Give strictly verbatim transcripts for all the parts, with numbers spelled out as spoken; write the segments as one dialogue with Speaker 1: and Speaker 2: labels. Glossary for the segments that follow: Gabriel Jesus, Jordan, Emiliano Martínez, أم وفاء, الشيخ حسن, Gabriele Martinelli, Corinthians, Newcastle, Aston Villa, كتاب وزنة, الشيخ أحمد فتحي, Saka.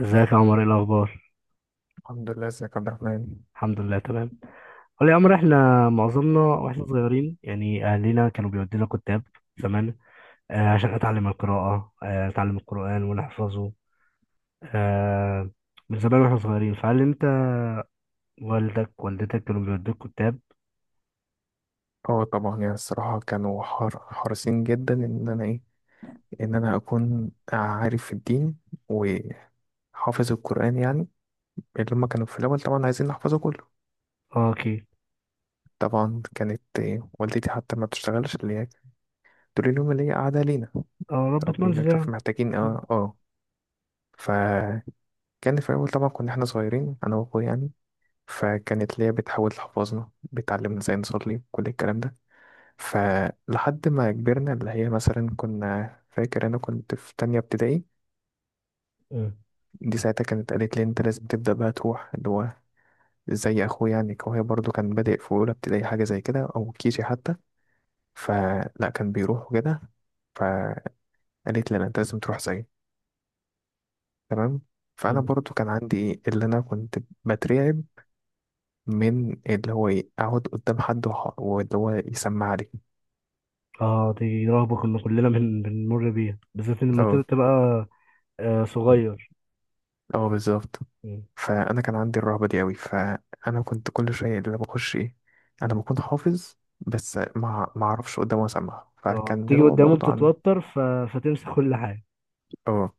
Speaker 1: ازيك يا عمر؟ ايه الاخبار؟
Speaker 2: الحمد لله، ازيك يا عبد الرحمن؟
Speaker 1: الحمد لله، تمام. قول لي يا عمر، احنا معظمنا واحنا صغيرين يعني اهلنا كانوا بيودينا كتاب زمان. آه، عشان اتعلم القراءه، آه، اتعلم القران ونحفظه. آه، من زمان واحنا صغيرين، فهل انت والدك والدتك كانوا بيودوك كتاب؟
Speaker 2: اه، طبعا، يعني الصراحة كانوا حار- حريصين جدا، ان انا ايه ان انا اكون عارف في الدين وحافظ القرآن يعني. اللي هما كانوا في الاول طبعا عايزين نحفظه كله.
Speaker 1: اه، اوكي.
Speaker 2: طبعا كانت إيه، والدتي حتى ما بتشتغلش، اللي هي تقول لهم اللي هي قاعدة لينا
Speaker 1: اه، ربة
Speaker 2: ربينا،
Speaker 1: منزل
Speaker 2: شوف
Speaker 1: يعني.
Speaker 2: محتاجين
Speaker 1: اه.
Speaker 2: اه اه فكان في الاول طبعا كنا احنا صغيرين انا واخويا يعني، فكانت ليا بتحاول تحفظنا، بتعلمنا ازاي نصلي كل الكلام ده. فلحد ما كبرنا اللي هي مثلا، كنا فاكر انا كنت في تانية ابتدائي،
Speaker 1: مم.
Speaker 2: دي ساعتها كانت قالت لي انت لازم تبدأ بقى تروح اللي هو زي اخويا يعني، هو برضو كان بادئ في اولى ابتدائي حاجة زي كده او كيجي حتى، فلا كان بيروح وكده. فقالت لي لا انت لازم تروح زيي. تمام، فانا
Speaker 1: مم.
Speaker 2: برضو كان عندي ايه اللي انا كنت بترعب من اللي هو ايه اقعد قدام حد وح- واللي هو يسمع لي.
Speaker 1: آه، دي رهبه كنا كلنا بن- بنمر بيها، بالذات لما تبقى
Speaker 2: اه،
Speaker 1: تبقى، آه، صغير.
Speaker 2: اه، بالظبط.
Speaker 1: مم.
Speaker 2: فانا كان عندي الرهبه دي قوي، فانا كنت كل شويه اللي بخش ايه انا بكون حافظ، بس ما ما اعرفش قدامه اسمع،
Speaker 1: اه،
Speaker 2: فكان
Speaker 1: تيجي
Speaker 2: اللي هو
Speaker 1: قدامه
Speaker 2: برضه عن.
Speaker 1: بتتوتر ف... فتمسك كل حاجه.
Speaker 2: اه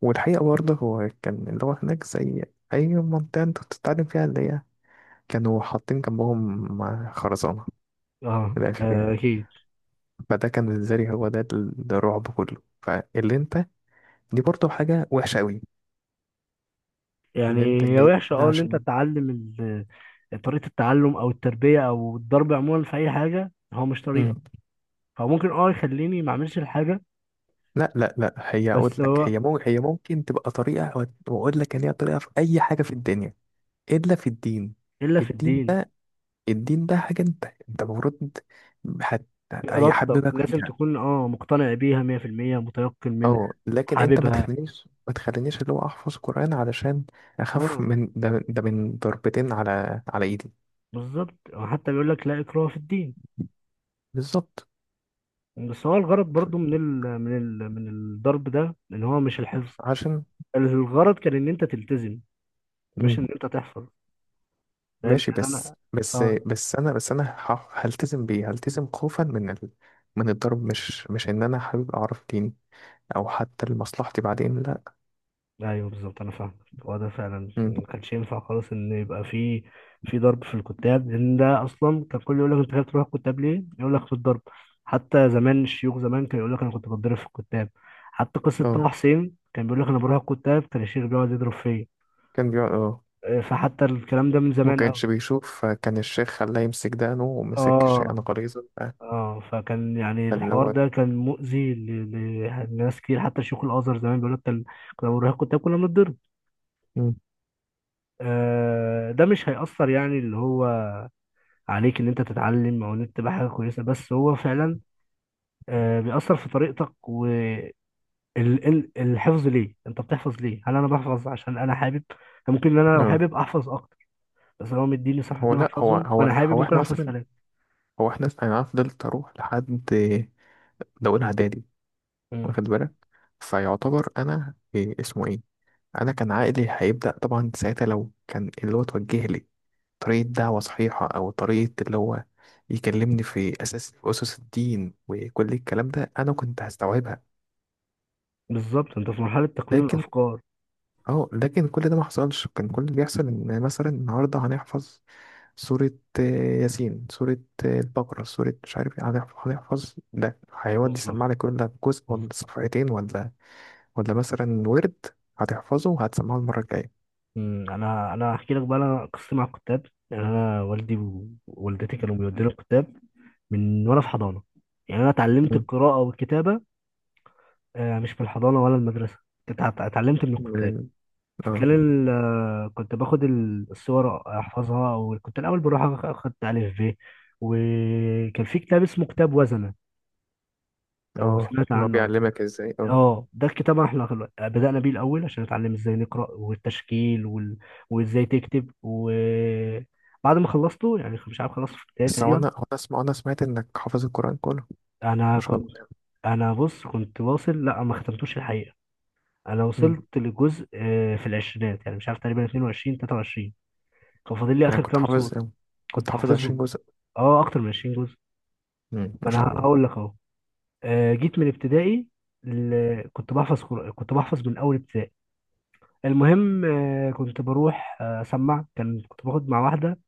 Speaker 2: والحقيقه برضه هو كان اللي هو هناك زي اي منطقه انت بتتعلم فيها، اللي هي كانوا حاطين جنبهم خرزانه،
Speaker 1: اه،
Speaker 2: من الاخر
Speaker 1: ده
Speaker 2: يعني.
Speaker 1: اكيد.
Speaker 2: فده كان بالنسبه لي هو ده ال- ده الرعب كله، فاللي انت دي برضه حاجه وحشه قوي
Speaker 1: يعني
Speaker 2: ان انت
Speaker 1: هي
Speaker 2: جاي
Speaker 1: وحشه،
Speaker 2: هنا
Speaker 1: اه ان انت
Speaker 2: عشان.
Speaker 1: تعلم ال- طريقه التعلم او التربيه او الضرب عموما في اي حاجه، هو مش طريقه. هو ممكن اه يخليني ما اعملش الحاجه.
Speaker 2: لا، لا، لا، هي اقول
Speaker 1: بس
Speaker 2: لك
Speaker 1: هو
Speaker 2: هي ممكن، هي ممكن تبقى طريقه، واقول لك ان هي طريقه في اي حاجه في الدنيا الا في الدين.
Speaker 1: الا في
Speaker 2: الدين
Speaker 1: الدين.
Speaker 2: ده الدين ده حاجه انت انت المفروض هت...
Speaker 1: بارادتك
Speaker 2: هيحببك
Speaker 1: لازم
Speaker 2: فيها.
Speaker 1: تكون اه مقتنع بيها مية في المية، متيقن منها،
Speaker 2: اه، لكن انت ما
Speaker 1: حاببها.
Speaker 2: تخلينيش ما تخلينيش اللي هو احفظ قران علشان اخاف
Speaker 1: اه،
Speaker 2: من ده ده، من ضربتين على على ايدي.
Speaker 1: بالظبط. هو حتى بيقول لك لا اكراه في الدين.
Speaker 2: بالظبط،
Speaker 1: بس هو الغرض برضو من ال من ال من الضرب ده، ان هو مش الحفظ.
Speaker 2: عشان.
Speaker 1: الغرض كان ان انت تلتزم، مش ان انت تحفظ. فاهم
Speaker 2: ماشي،
Speaker 1: يعني
Speaker 2: بس
Speaker 1: انا.
Speaker 2: بس
Speaker 1: اه،
Speaker 2: بس انا، بس انا ه- هلتزم بيه، هلتزم خوفا من ال... من الضرب، مش مش ان انا حابب اعرف ديني، او حتى لمصلحتي بعدين، لا.
Speaker 1: ايوه، بالظبط. انا فاهم. هو ده فعلا
Speaker 2: امم
Speaker 1: ما كانش ينفع خالص ان يبقى في في ضرب في الكتاب، لان ده اصلا كان كل يقول لك انت خايف تروح الكتاب ليه، يقول لك في الضرب. حتى زمان الشيوخ زمان كان يقول لك انا كنت بتضرب في الكتاب. حتى قصه
Speaker 2: اه،
Speaker 1: طه حسين كان بيقول لك انا بروح الكتاب كان الشيخ بيقعد يضرب فيا.
Speaker 2: كان بيقعد، اه
Speaker 1: إيه، فحتى الكلام ده من
Speaker 2: ما
Speaker 1: زمان قوي.
Speaker 2: كانش بيشوف، كان الشيخ خلاه يمسك دقنه ومسك شيئا
Speaker 1: اه.
Speaker 2: غليظا. آه،
Speaker 1: اه، فكان يعني
Speaker 2: كان اللي
Speaker 1: الحوار
Speaker 2: هو.
Speaker 1: ده كان مؤذي ل- ل- لناس كتير. حتى شيوخ الازهر زمان بيقول لك كان كنا بنروح الكتاب كنا بنتضرب.
Speaker 2: مم.
Speaker 1: آه، ده مش هيأثر يعني اللي هو عليك ان انت تتعلم او ان انت تبقى حاجه كويسه. بس هو فعلا آه، بيأثر في طريقتك والحفظ. ليه انت بتحفظ؟ ليه؟ هل انا بحفظ عشان انا حابب؟ ممكن ان انا لو
Speaker 2: اه
Speaker 1: حابب احفظ اكتر. بس هو مديني
Speaker 2: هو
Speaker 1: صفحتين
Speaker 2: لا، هو
Speaker 1: احفظهم،
Speaker 2: هو
Speaker 1: وانا حابب
Speaker 2: هو
Speaker 1: ممكن
Speaker 2: احنا
Speaker 1: احفظ
Speaker 2: مثلا،
Speaker 1: ثلاثه.
Speaker 2: هو احنا انا فضلت اروح لحد، ده اولى اعدادي،
Speaker 1: مم.
Speaker 2: واخد بالك؟ فيعتبر انا إيه اسمه ايه انا كان عقلي هيبدا طبعا ساعتها، لو كان اللي هو توجه لي طريقه دعوه صحيحه، او طريقه اللي هو يكلمني في اساس، في اسس الدين وكل الكلام ده، انا كنت هستوعبها.
Speaker 1: بالظبط، انت في مرحله تكوين
Speaker 2: لكن
Speaker 1: الافكار.
Speaker 2: اه لكن كل ده ما حصلش. كان كل اللي بيحصل ان مثلا النهارده هنحفظ سورة، آه، ياسين، سورة، آه، البقرة، سورة مش عارف ايه، هنحف- هنحفظ ده، هيودي
Speaker 1: بالظبط.
Speaker 2: يسمع لك كل ده، جزء
Speaker 1: بالظبط.
Speaker 2: ولا صفحتين، ولا ولا مثلا ورد هتحفظه وهتسمعه المرة الجاية.
Speaker 1: مم، انا انا هحكي لك بقى انا قصتي مع الكتاب. يعني انا والدي ووالدتي كانوا بيودوني الكتاب من وانا في حضانه. يعني انا اتعلمت
Speaker 2: مم.
Speaker 1: القراءه والكتابه آه، مش في الحضانة ولا المدرسة، اتع- اتعلمت من
Speaker 2: من
Speaker 1: الكتاب.
Speaker 2: ال-
Speaker 1: في
Speaker 2: اه،
Speaker 1: خلال آه، كنت باخد ال- الصور احفظها. وكنت الاول بروح أخ- اخد الف ب. وكان في كتاب اسمه كتاب وزنة، لو
Speaker 2: اه،
Speaker 1: سمعت
Speaker 2: إن هو
Speaker 1: عنه قبل.
Speaker 2: بيعلمك ازاي. اه
Speaker 1: اه، ده الكتاب احنا خل- بدأنا بيه الاول عشان نتعلم ازاي نقرأ والتشكيل وال... وازاي تكتب. وبعد ما خلصته يعني مش عارف خلصته في البداية
Speaker 2: بس هو
Speaker 1: تقريبا.
Speaker 2: انا، هو انا اسمع، انا سمعت انك حافظ القرآن كله،
Speaker 1: انا
Speaker 2: ما شاء الله
Speaker 1: كنت،
Speaker 2: يعني.
Speaker 1: انا بص كنت واصل، لا ما ختمتوش الحقيقة. انا
Speaker 2: امم
Speaker 1: وصلت لجزء آه، في العشرينات يعني مش عارف، تقريبا اتنين وعشرين تلاتة وعشرين. كان فاضل لي
Speaker 2: يعني
Speaker 1: اخر
Speaker 2: كنت
Speaker 1: كام
Speaker 2: حافظ،
Speaker 1: سورة.
Speaker 2: كنت
Speaker 1: كنت
Speaker 2: حافظ عشرين
Speaker 1: حافظهم.
Speaker 2: جزء.
Speaker 1: اه، اكتر من عشرين جزء.
Speaker 2: امم، ما
Speaker 1: ما
Speaker 2: شاء
Speaker 1: انا
Speaker 2: الله.
Speaker 1: هقول لك اهو. آه، جيت من ابتدائي. ل- كنت بحفظ، قر- كنت بحفظ من اول ابتدائي. المهم آه، كنت بروح آه، اسمع. كان كنت باخد مع واحده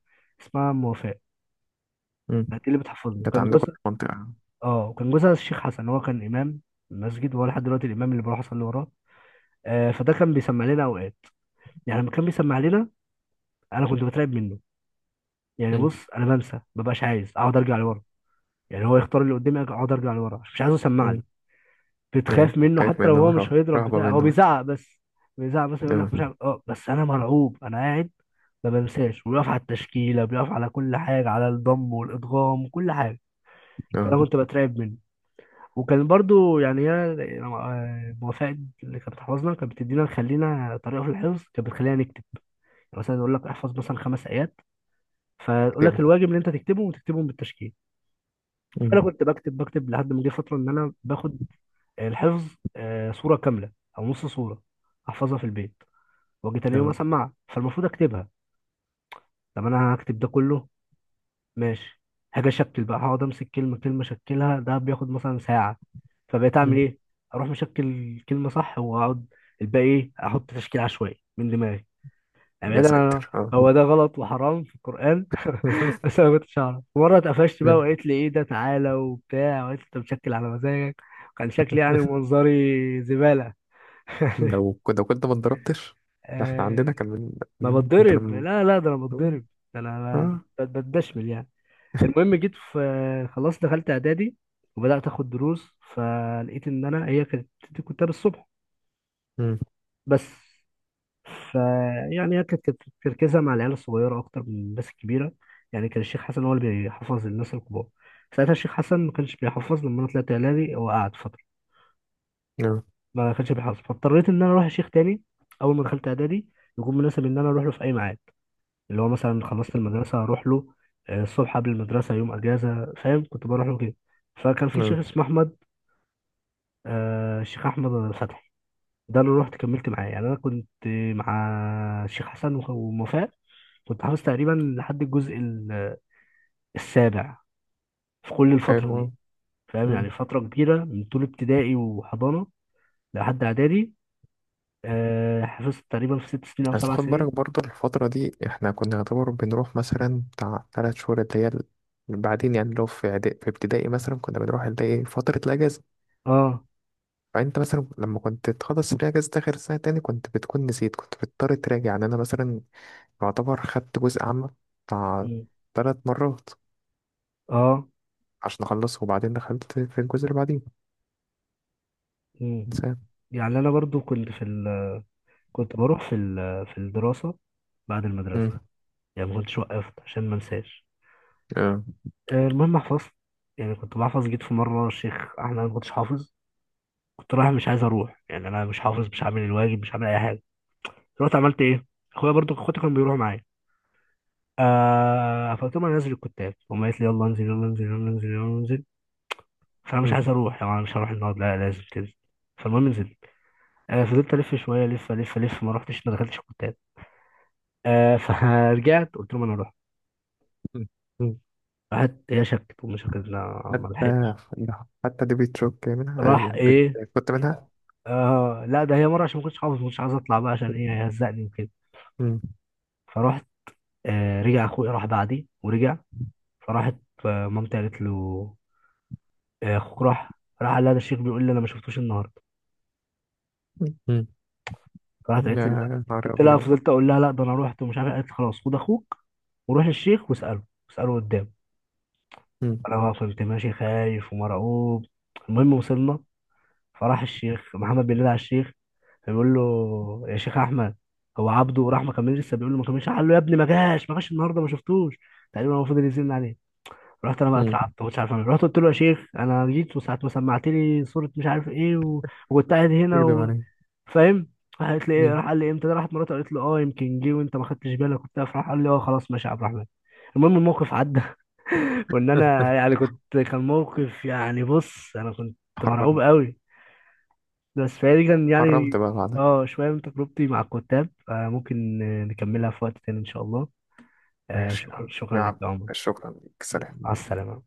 Speaker 1: اسمها ام وفاء،
Speaker 2: امم
Speaker 1: كانت اللي بتحفظني.
Speaker 2: كانت
Speaker 1: كان
Speaker 2: عندكم
Speaker 1: جوزها،
Speaker 2: في المنطقة؟
Speaker 1: اه كان جوزها الشيخ حسن. هو كان امام المسجد، وهو لحد دلوقتي الامام اللي بروح اصلي وراه. آه، فده كان بيسمع لنا اوقات. يعني لما كان بيسمع لنا، انا كنت بترعب منه. يعني
Speaker 2: امم.
Speaker 1: بص، انا بنسى، مبقاش عايز اقعد ارجع لورا. يعني هو يختار اللي قدامي اقعد ارجع لورا، مش عايزه يسمع لي.
Speaker 2: امم.
Speaker 1: بتخاف
Speaker 2: ايوه،
Speaker 1: منه
Speaker 2: خايف
Speaker 1: حتى لو
Speaker 2: منه،
Speaker 1: هو مش
Speaker 2: رهب-
Speaker 1: هيضرب
Speaker 2: رهبة
Speaker 1: بتاع، هو
Speaker 2: منه.
Speaker 1: بيزعق بس. بيزعق بس، يقول
Speaker 2: اه.
Speaker 1: لك مش عارف اه بس انا مرعوب انا قاعد. ما بنساش. وبيقف على التشكيله، بيقف على كل حاجه، على الضم والادغام، كل حاجه. فانا
Speaker 2: اه.
Speaker 1: كنت بترعب منه. وكان برضو يعني هي آه، موافقة. اللي كانت بتحفظنا كانت بتدينا، نخلينا طريقه في الحفظ، كانت بتخلينا نكتب. يعني مثلا يقول لك احفظ مثلا خمس ايات، فيقول لك
Speaker 2: تكتبه.
Speaker 1: الواجب اللي انت تكتبه وتكتبهم بالتشكيل.
Speaker 2: امم.
Speaker 1: فانا كنت بكتب بكتب لحد ما جه فتره ان انا باخد الحفظ آه، صوره كامله او نص صوره، احفظها في البيت واجي تاني يوم
Speaker 2: اه.
Speaker 1: اسمعها. فالمفروض اكتبها. طب انا هكتب ده كله، ماشي. هاجي اشكل بقى، هقعد امسك كلمه كلمه اشكلها، ده بياخد مثلا ساعه. فبقيت اعمل
Speaker 2: أمم.
Speaker 1: ايه، اروح مشكل كلمه صح واقعد الباقي ايه، احط تشكيل عشوائي من دماغي. يعني
Speaker 2: يا
Speaker 1: بعيدا عن
Speaker 2: ساتر، اه.
Speaker 1: هو ده غلط وحرام في القرآن بس انا ما كنتش اعرف. مرة اتقفشت بقى وقالت لي، ايه ده؟ تعالى وبتاع، وقالت لي انت مشكل على مزاجك. كان شكلي يعني منظري زبالة.
Speaker 2: لو لو كنت ما اتضربتش، ده احنا عندنا
Speaker 1: آه،
Speaker 2: كان
Speaker 1: ما
Speaker 2: من. انت
Speaker 1: بتضرب؟
Speaker 2: لما.
Speaker 1: لا، لا، ده انا بتضرب. ده انا
Speaker 2: اه.
Speaker 1: ب- ب- بتدشمل يعني. المهم، جيت في، خلاص دخلت اعدادي، وبدأت اخد دروس. فلقيت ان انا هي كانت بتدي كتاب الصبح
Speaker 2: أمم.
Speaker 1: بس. فيعني هي كانت كانت تركيزها مع العيال الصغيرة أكتر من الناس الكبيرة. يعني كان الشيخ حسن هو اللي بيحفظ الناس الكبار. ساعتها الشيخ حسن ما كانش بيحفظ، لما أنا طلعت إعدادي هو قعد فترة
Speaker 2: اه.
Speaker 1: ما كانش بيحفظ. فاضطريت إن أنا أروح لشيخ تاني أول ما دخلت إعدادي، يكون مناسب إن أنا أروح له في أي ميعاد. اللي هو مثلا خلصت المدرسة هروح له، آه، الصبح قبل المدرسة، يوم أجازة، فاهم، كنت بروح له كده. فكان في
Speaker 2: أمم.
Speaker 1: شيخ اسمه أحمد، آه، الشيخ أحمد فتحي، ده اللي رحت كملت معاه. يعني انا كنت مع الشيخ حسن وخ- ووفاء كنت حافظ تقريبا لحد الجزء ال- السابع، في كل الفتره دي.
Speaker 2: حلو.
Speaker 1: فاهم، يعني فتره كبيره من طول ابتدائي وحضانه لحد اعدادي. آه، حفظت تقريبا في ست سنين او
Speaker 2: بس
Speaker 1: سبع
Speaker 2: خد
Speaker 1: سنين
Speaker 2: بالك برضه الفترة دي، احنا كنا نعتبر بنروح مثلا بتاع تلات شهور اللي هي ال- بعدين يعني، لو في إعدا- في ابتدائي مثلا، كنا بنروح اللي هي فترة الأجازة،
Speaker 1: اه.
Speaker 2: فأنت مثلا لما كنت تخلص الأجازة آخر سنة تاني كنت بتكون نسيت، كنت بتضطر تراجع. يعني أنا مثلا يعتبر خدت جزء عام بتاع
Speaker 1: مم.
Speaker 2: تلات مرات
Speaker 1: اه.
Speaker 2: عشان أخلصه، وبعدين دخلت في الجزء اللي بعديه.
Speaker 1: مم.
Speaker 2: إنسان.
Speaker 1: يعني انا برضو كنت في ال... كنت بروح في ال... في الدراسه بعد المدرسه.
Speaker 2: مم.
Speaker 1: يعني ما كنتش وقفت عشان ما انساش.
Speaker 2: آه.
Speaker 1: آه، المهم حفظت. يعني كنت بحفظ. جيت في مره الشيخ احمد أنا ما كنتش حافظ، كنت رايح مش عايز اروح. يعني انا مش حافظ، مش عامل الواجب، مش عامل اي حاجه. رحت عملت ايه، اخويا برضو اخواتي كانوا بيروحوا معايا. آه، فقلت لهم انا نازل الكتاب. هم قالت لي يلا انزل يلا انزل يلا انزل يلا انزل، فانا مش
Speaker 2: مم.
Speaker 1: عايز اروح. يعني انا مش هروح النهارده، لا لازم تنزل. فالمهم نزلت. آه، فضلت الف شويه، الف الف الف ما رحتش ما دخلتش الكتاب. آه، فرجعت قلت لهم انا اروح.
Speaker 2: مم. مم.
Speaker 1: راحت هي شكت، امي شكت لا ما
Speaker 2: حتى
Speaker 1: لحقتش.
Speaker 2: حتى دي بتشوك منها.
Speaker 1: راح
Speaker 2: بت...
Speaker 1: ايه.
Speaker 2: كنت منها.
Speaker 1: آه، لا، ده هي مره عشان ما كنتش حافظ ما كنتش عايز اطلع بقى، عشان ايه هيهزقني وكده. فرحت. آه، رجع اخويا راح بعدي ورجع. فراحت، آه، مامتي قالت له آه، اخوك راح. راح قال لها ده الشيخ بيقول لي انا ما شفتوش النهارده.
Speaker 2: مم.
Speaker 1: فراحت
Speaker 2: لا
Speaker 1: قالت لي لا.
Speaker 2: يا نهار
Speaker 1: قلت لها،
Speaker 2: أبيض.
Speaker 1: فضلت اقول لها لا ده انا رحت ومش عارف إيه. قالت لي خلاص، خد اخوك وروح للشيخ واساله، اساله قدام.
Speaker 2: مم.
Speaker 1: انا بقى كنت ماشي خايف ومرعوب. المهم وصلنا. فراح الشيخ محمد بينادي على الشيخ، فبيقول له يا شيخ احمد، هو عبده راح؟ ما كملش لسه؟ بيقول له ما كملش. قال له يا ابني ما جاش، ما جاش النهارده، ما شفتوش. تقريبا هو فضل يزن عليه. رحت انا بقى
Speaker 2: مم.
Speaker 1: اترعبت مش عارف اعمل إيه. رحت قلت له يا شيخ انا جيت وساعه ما سمعت لي صوره مش عارف ايه و... وكنت قاعد هنا
Speaker 2: تكذب
Speaker 1: و...
Speaker 2: علي.
Speaker 1: فاهم. راح قالت لي ايه،
Speaker 2: مم.
Speaker 1: راح قال لي امتى ده، راحت مراته قالت له اه يمكن جه وانت ما خدتش بالك وبتاع، فراح قال لي اه خلاص ماشي يا عبد الرحمن. المهم الموقف عدى. وان انا يعني كنت، كان موقف، يعني بص انا كنت مرعوب
Speaker 2: حرمت،
Speaker 1: قوي. بس فدي كان
Speaker 2: حرمت
Speaker 1: يعني
Speaker 2: بقى بعد.
Speaker 1: اه، شويه من تجربتي مع الكتاب. آه، ممكن آه، نكملها في وقت تاني ان شاء الله. آه،
Speaker 2: ماشي يا
Speaker 1: شكرا
Speaker 2: عم يا
Speaker 1: شكرا لك
Speaker 2: عم،
Speaker 1: يا عمر.
Speaker 2: شكرا ليك، سلام.
Speaker 1: مع السلامه.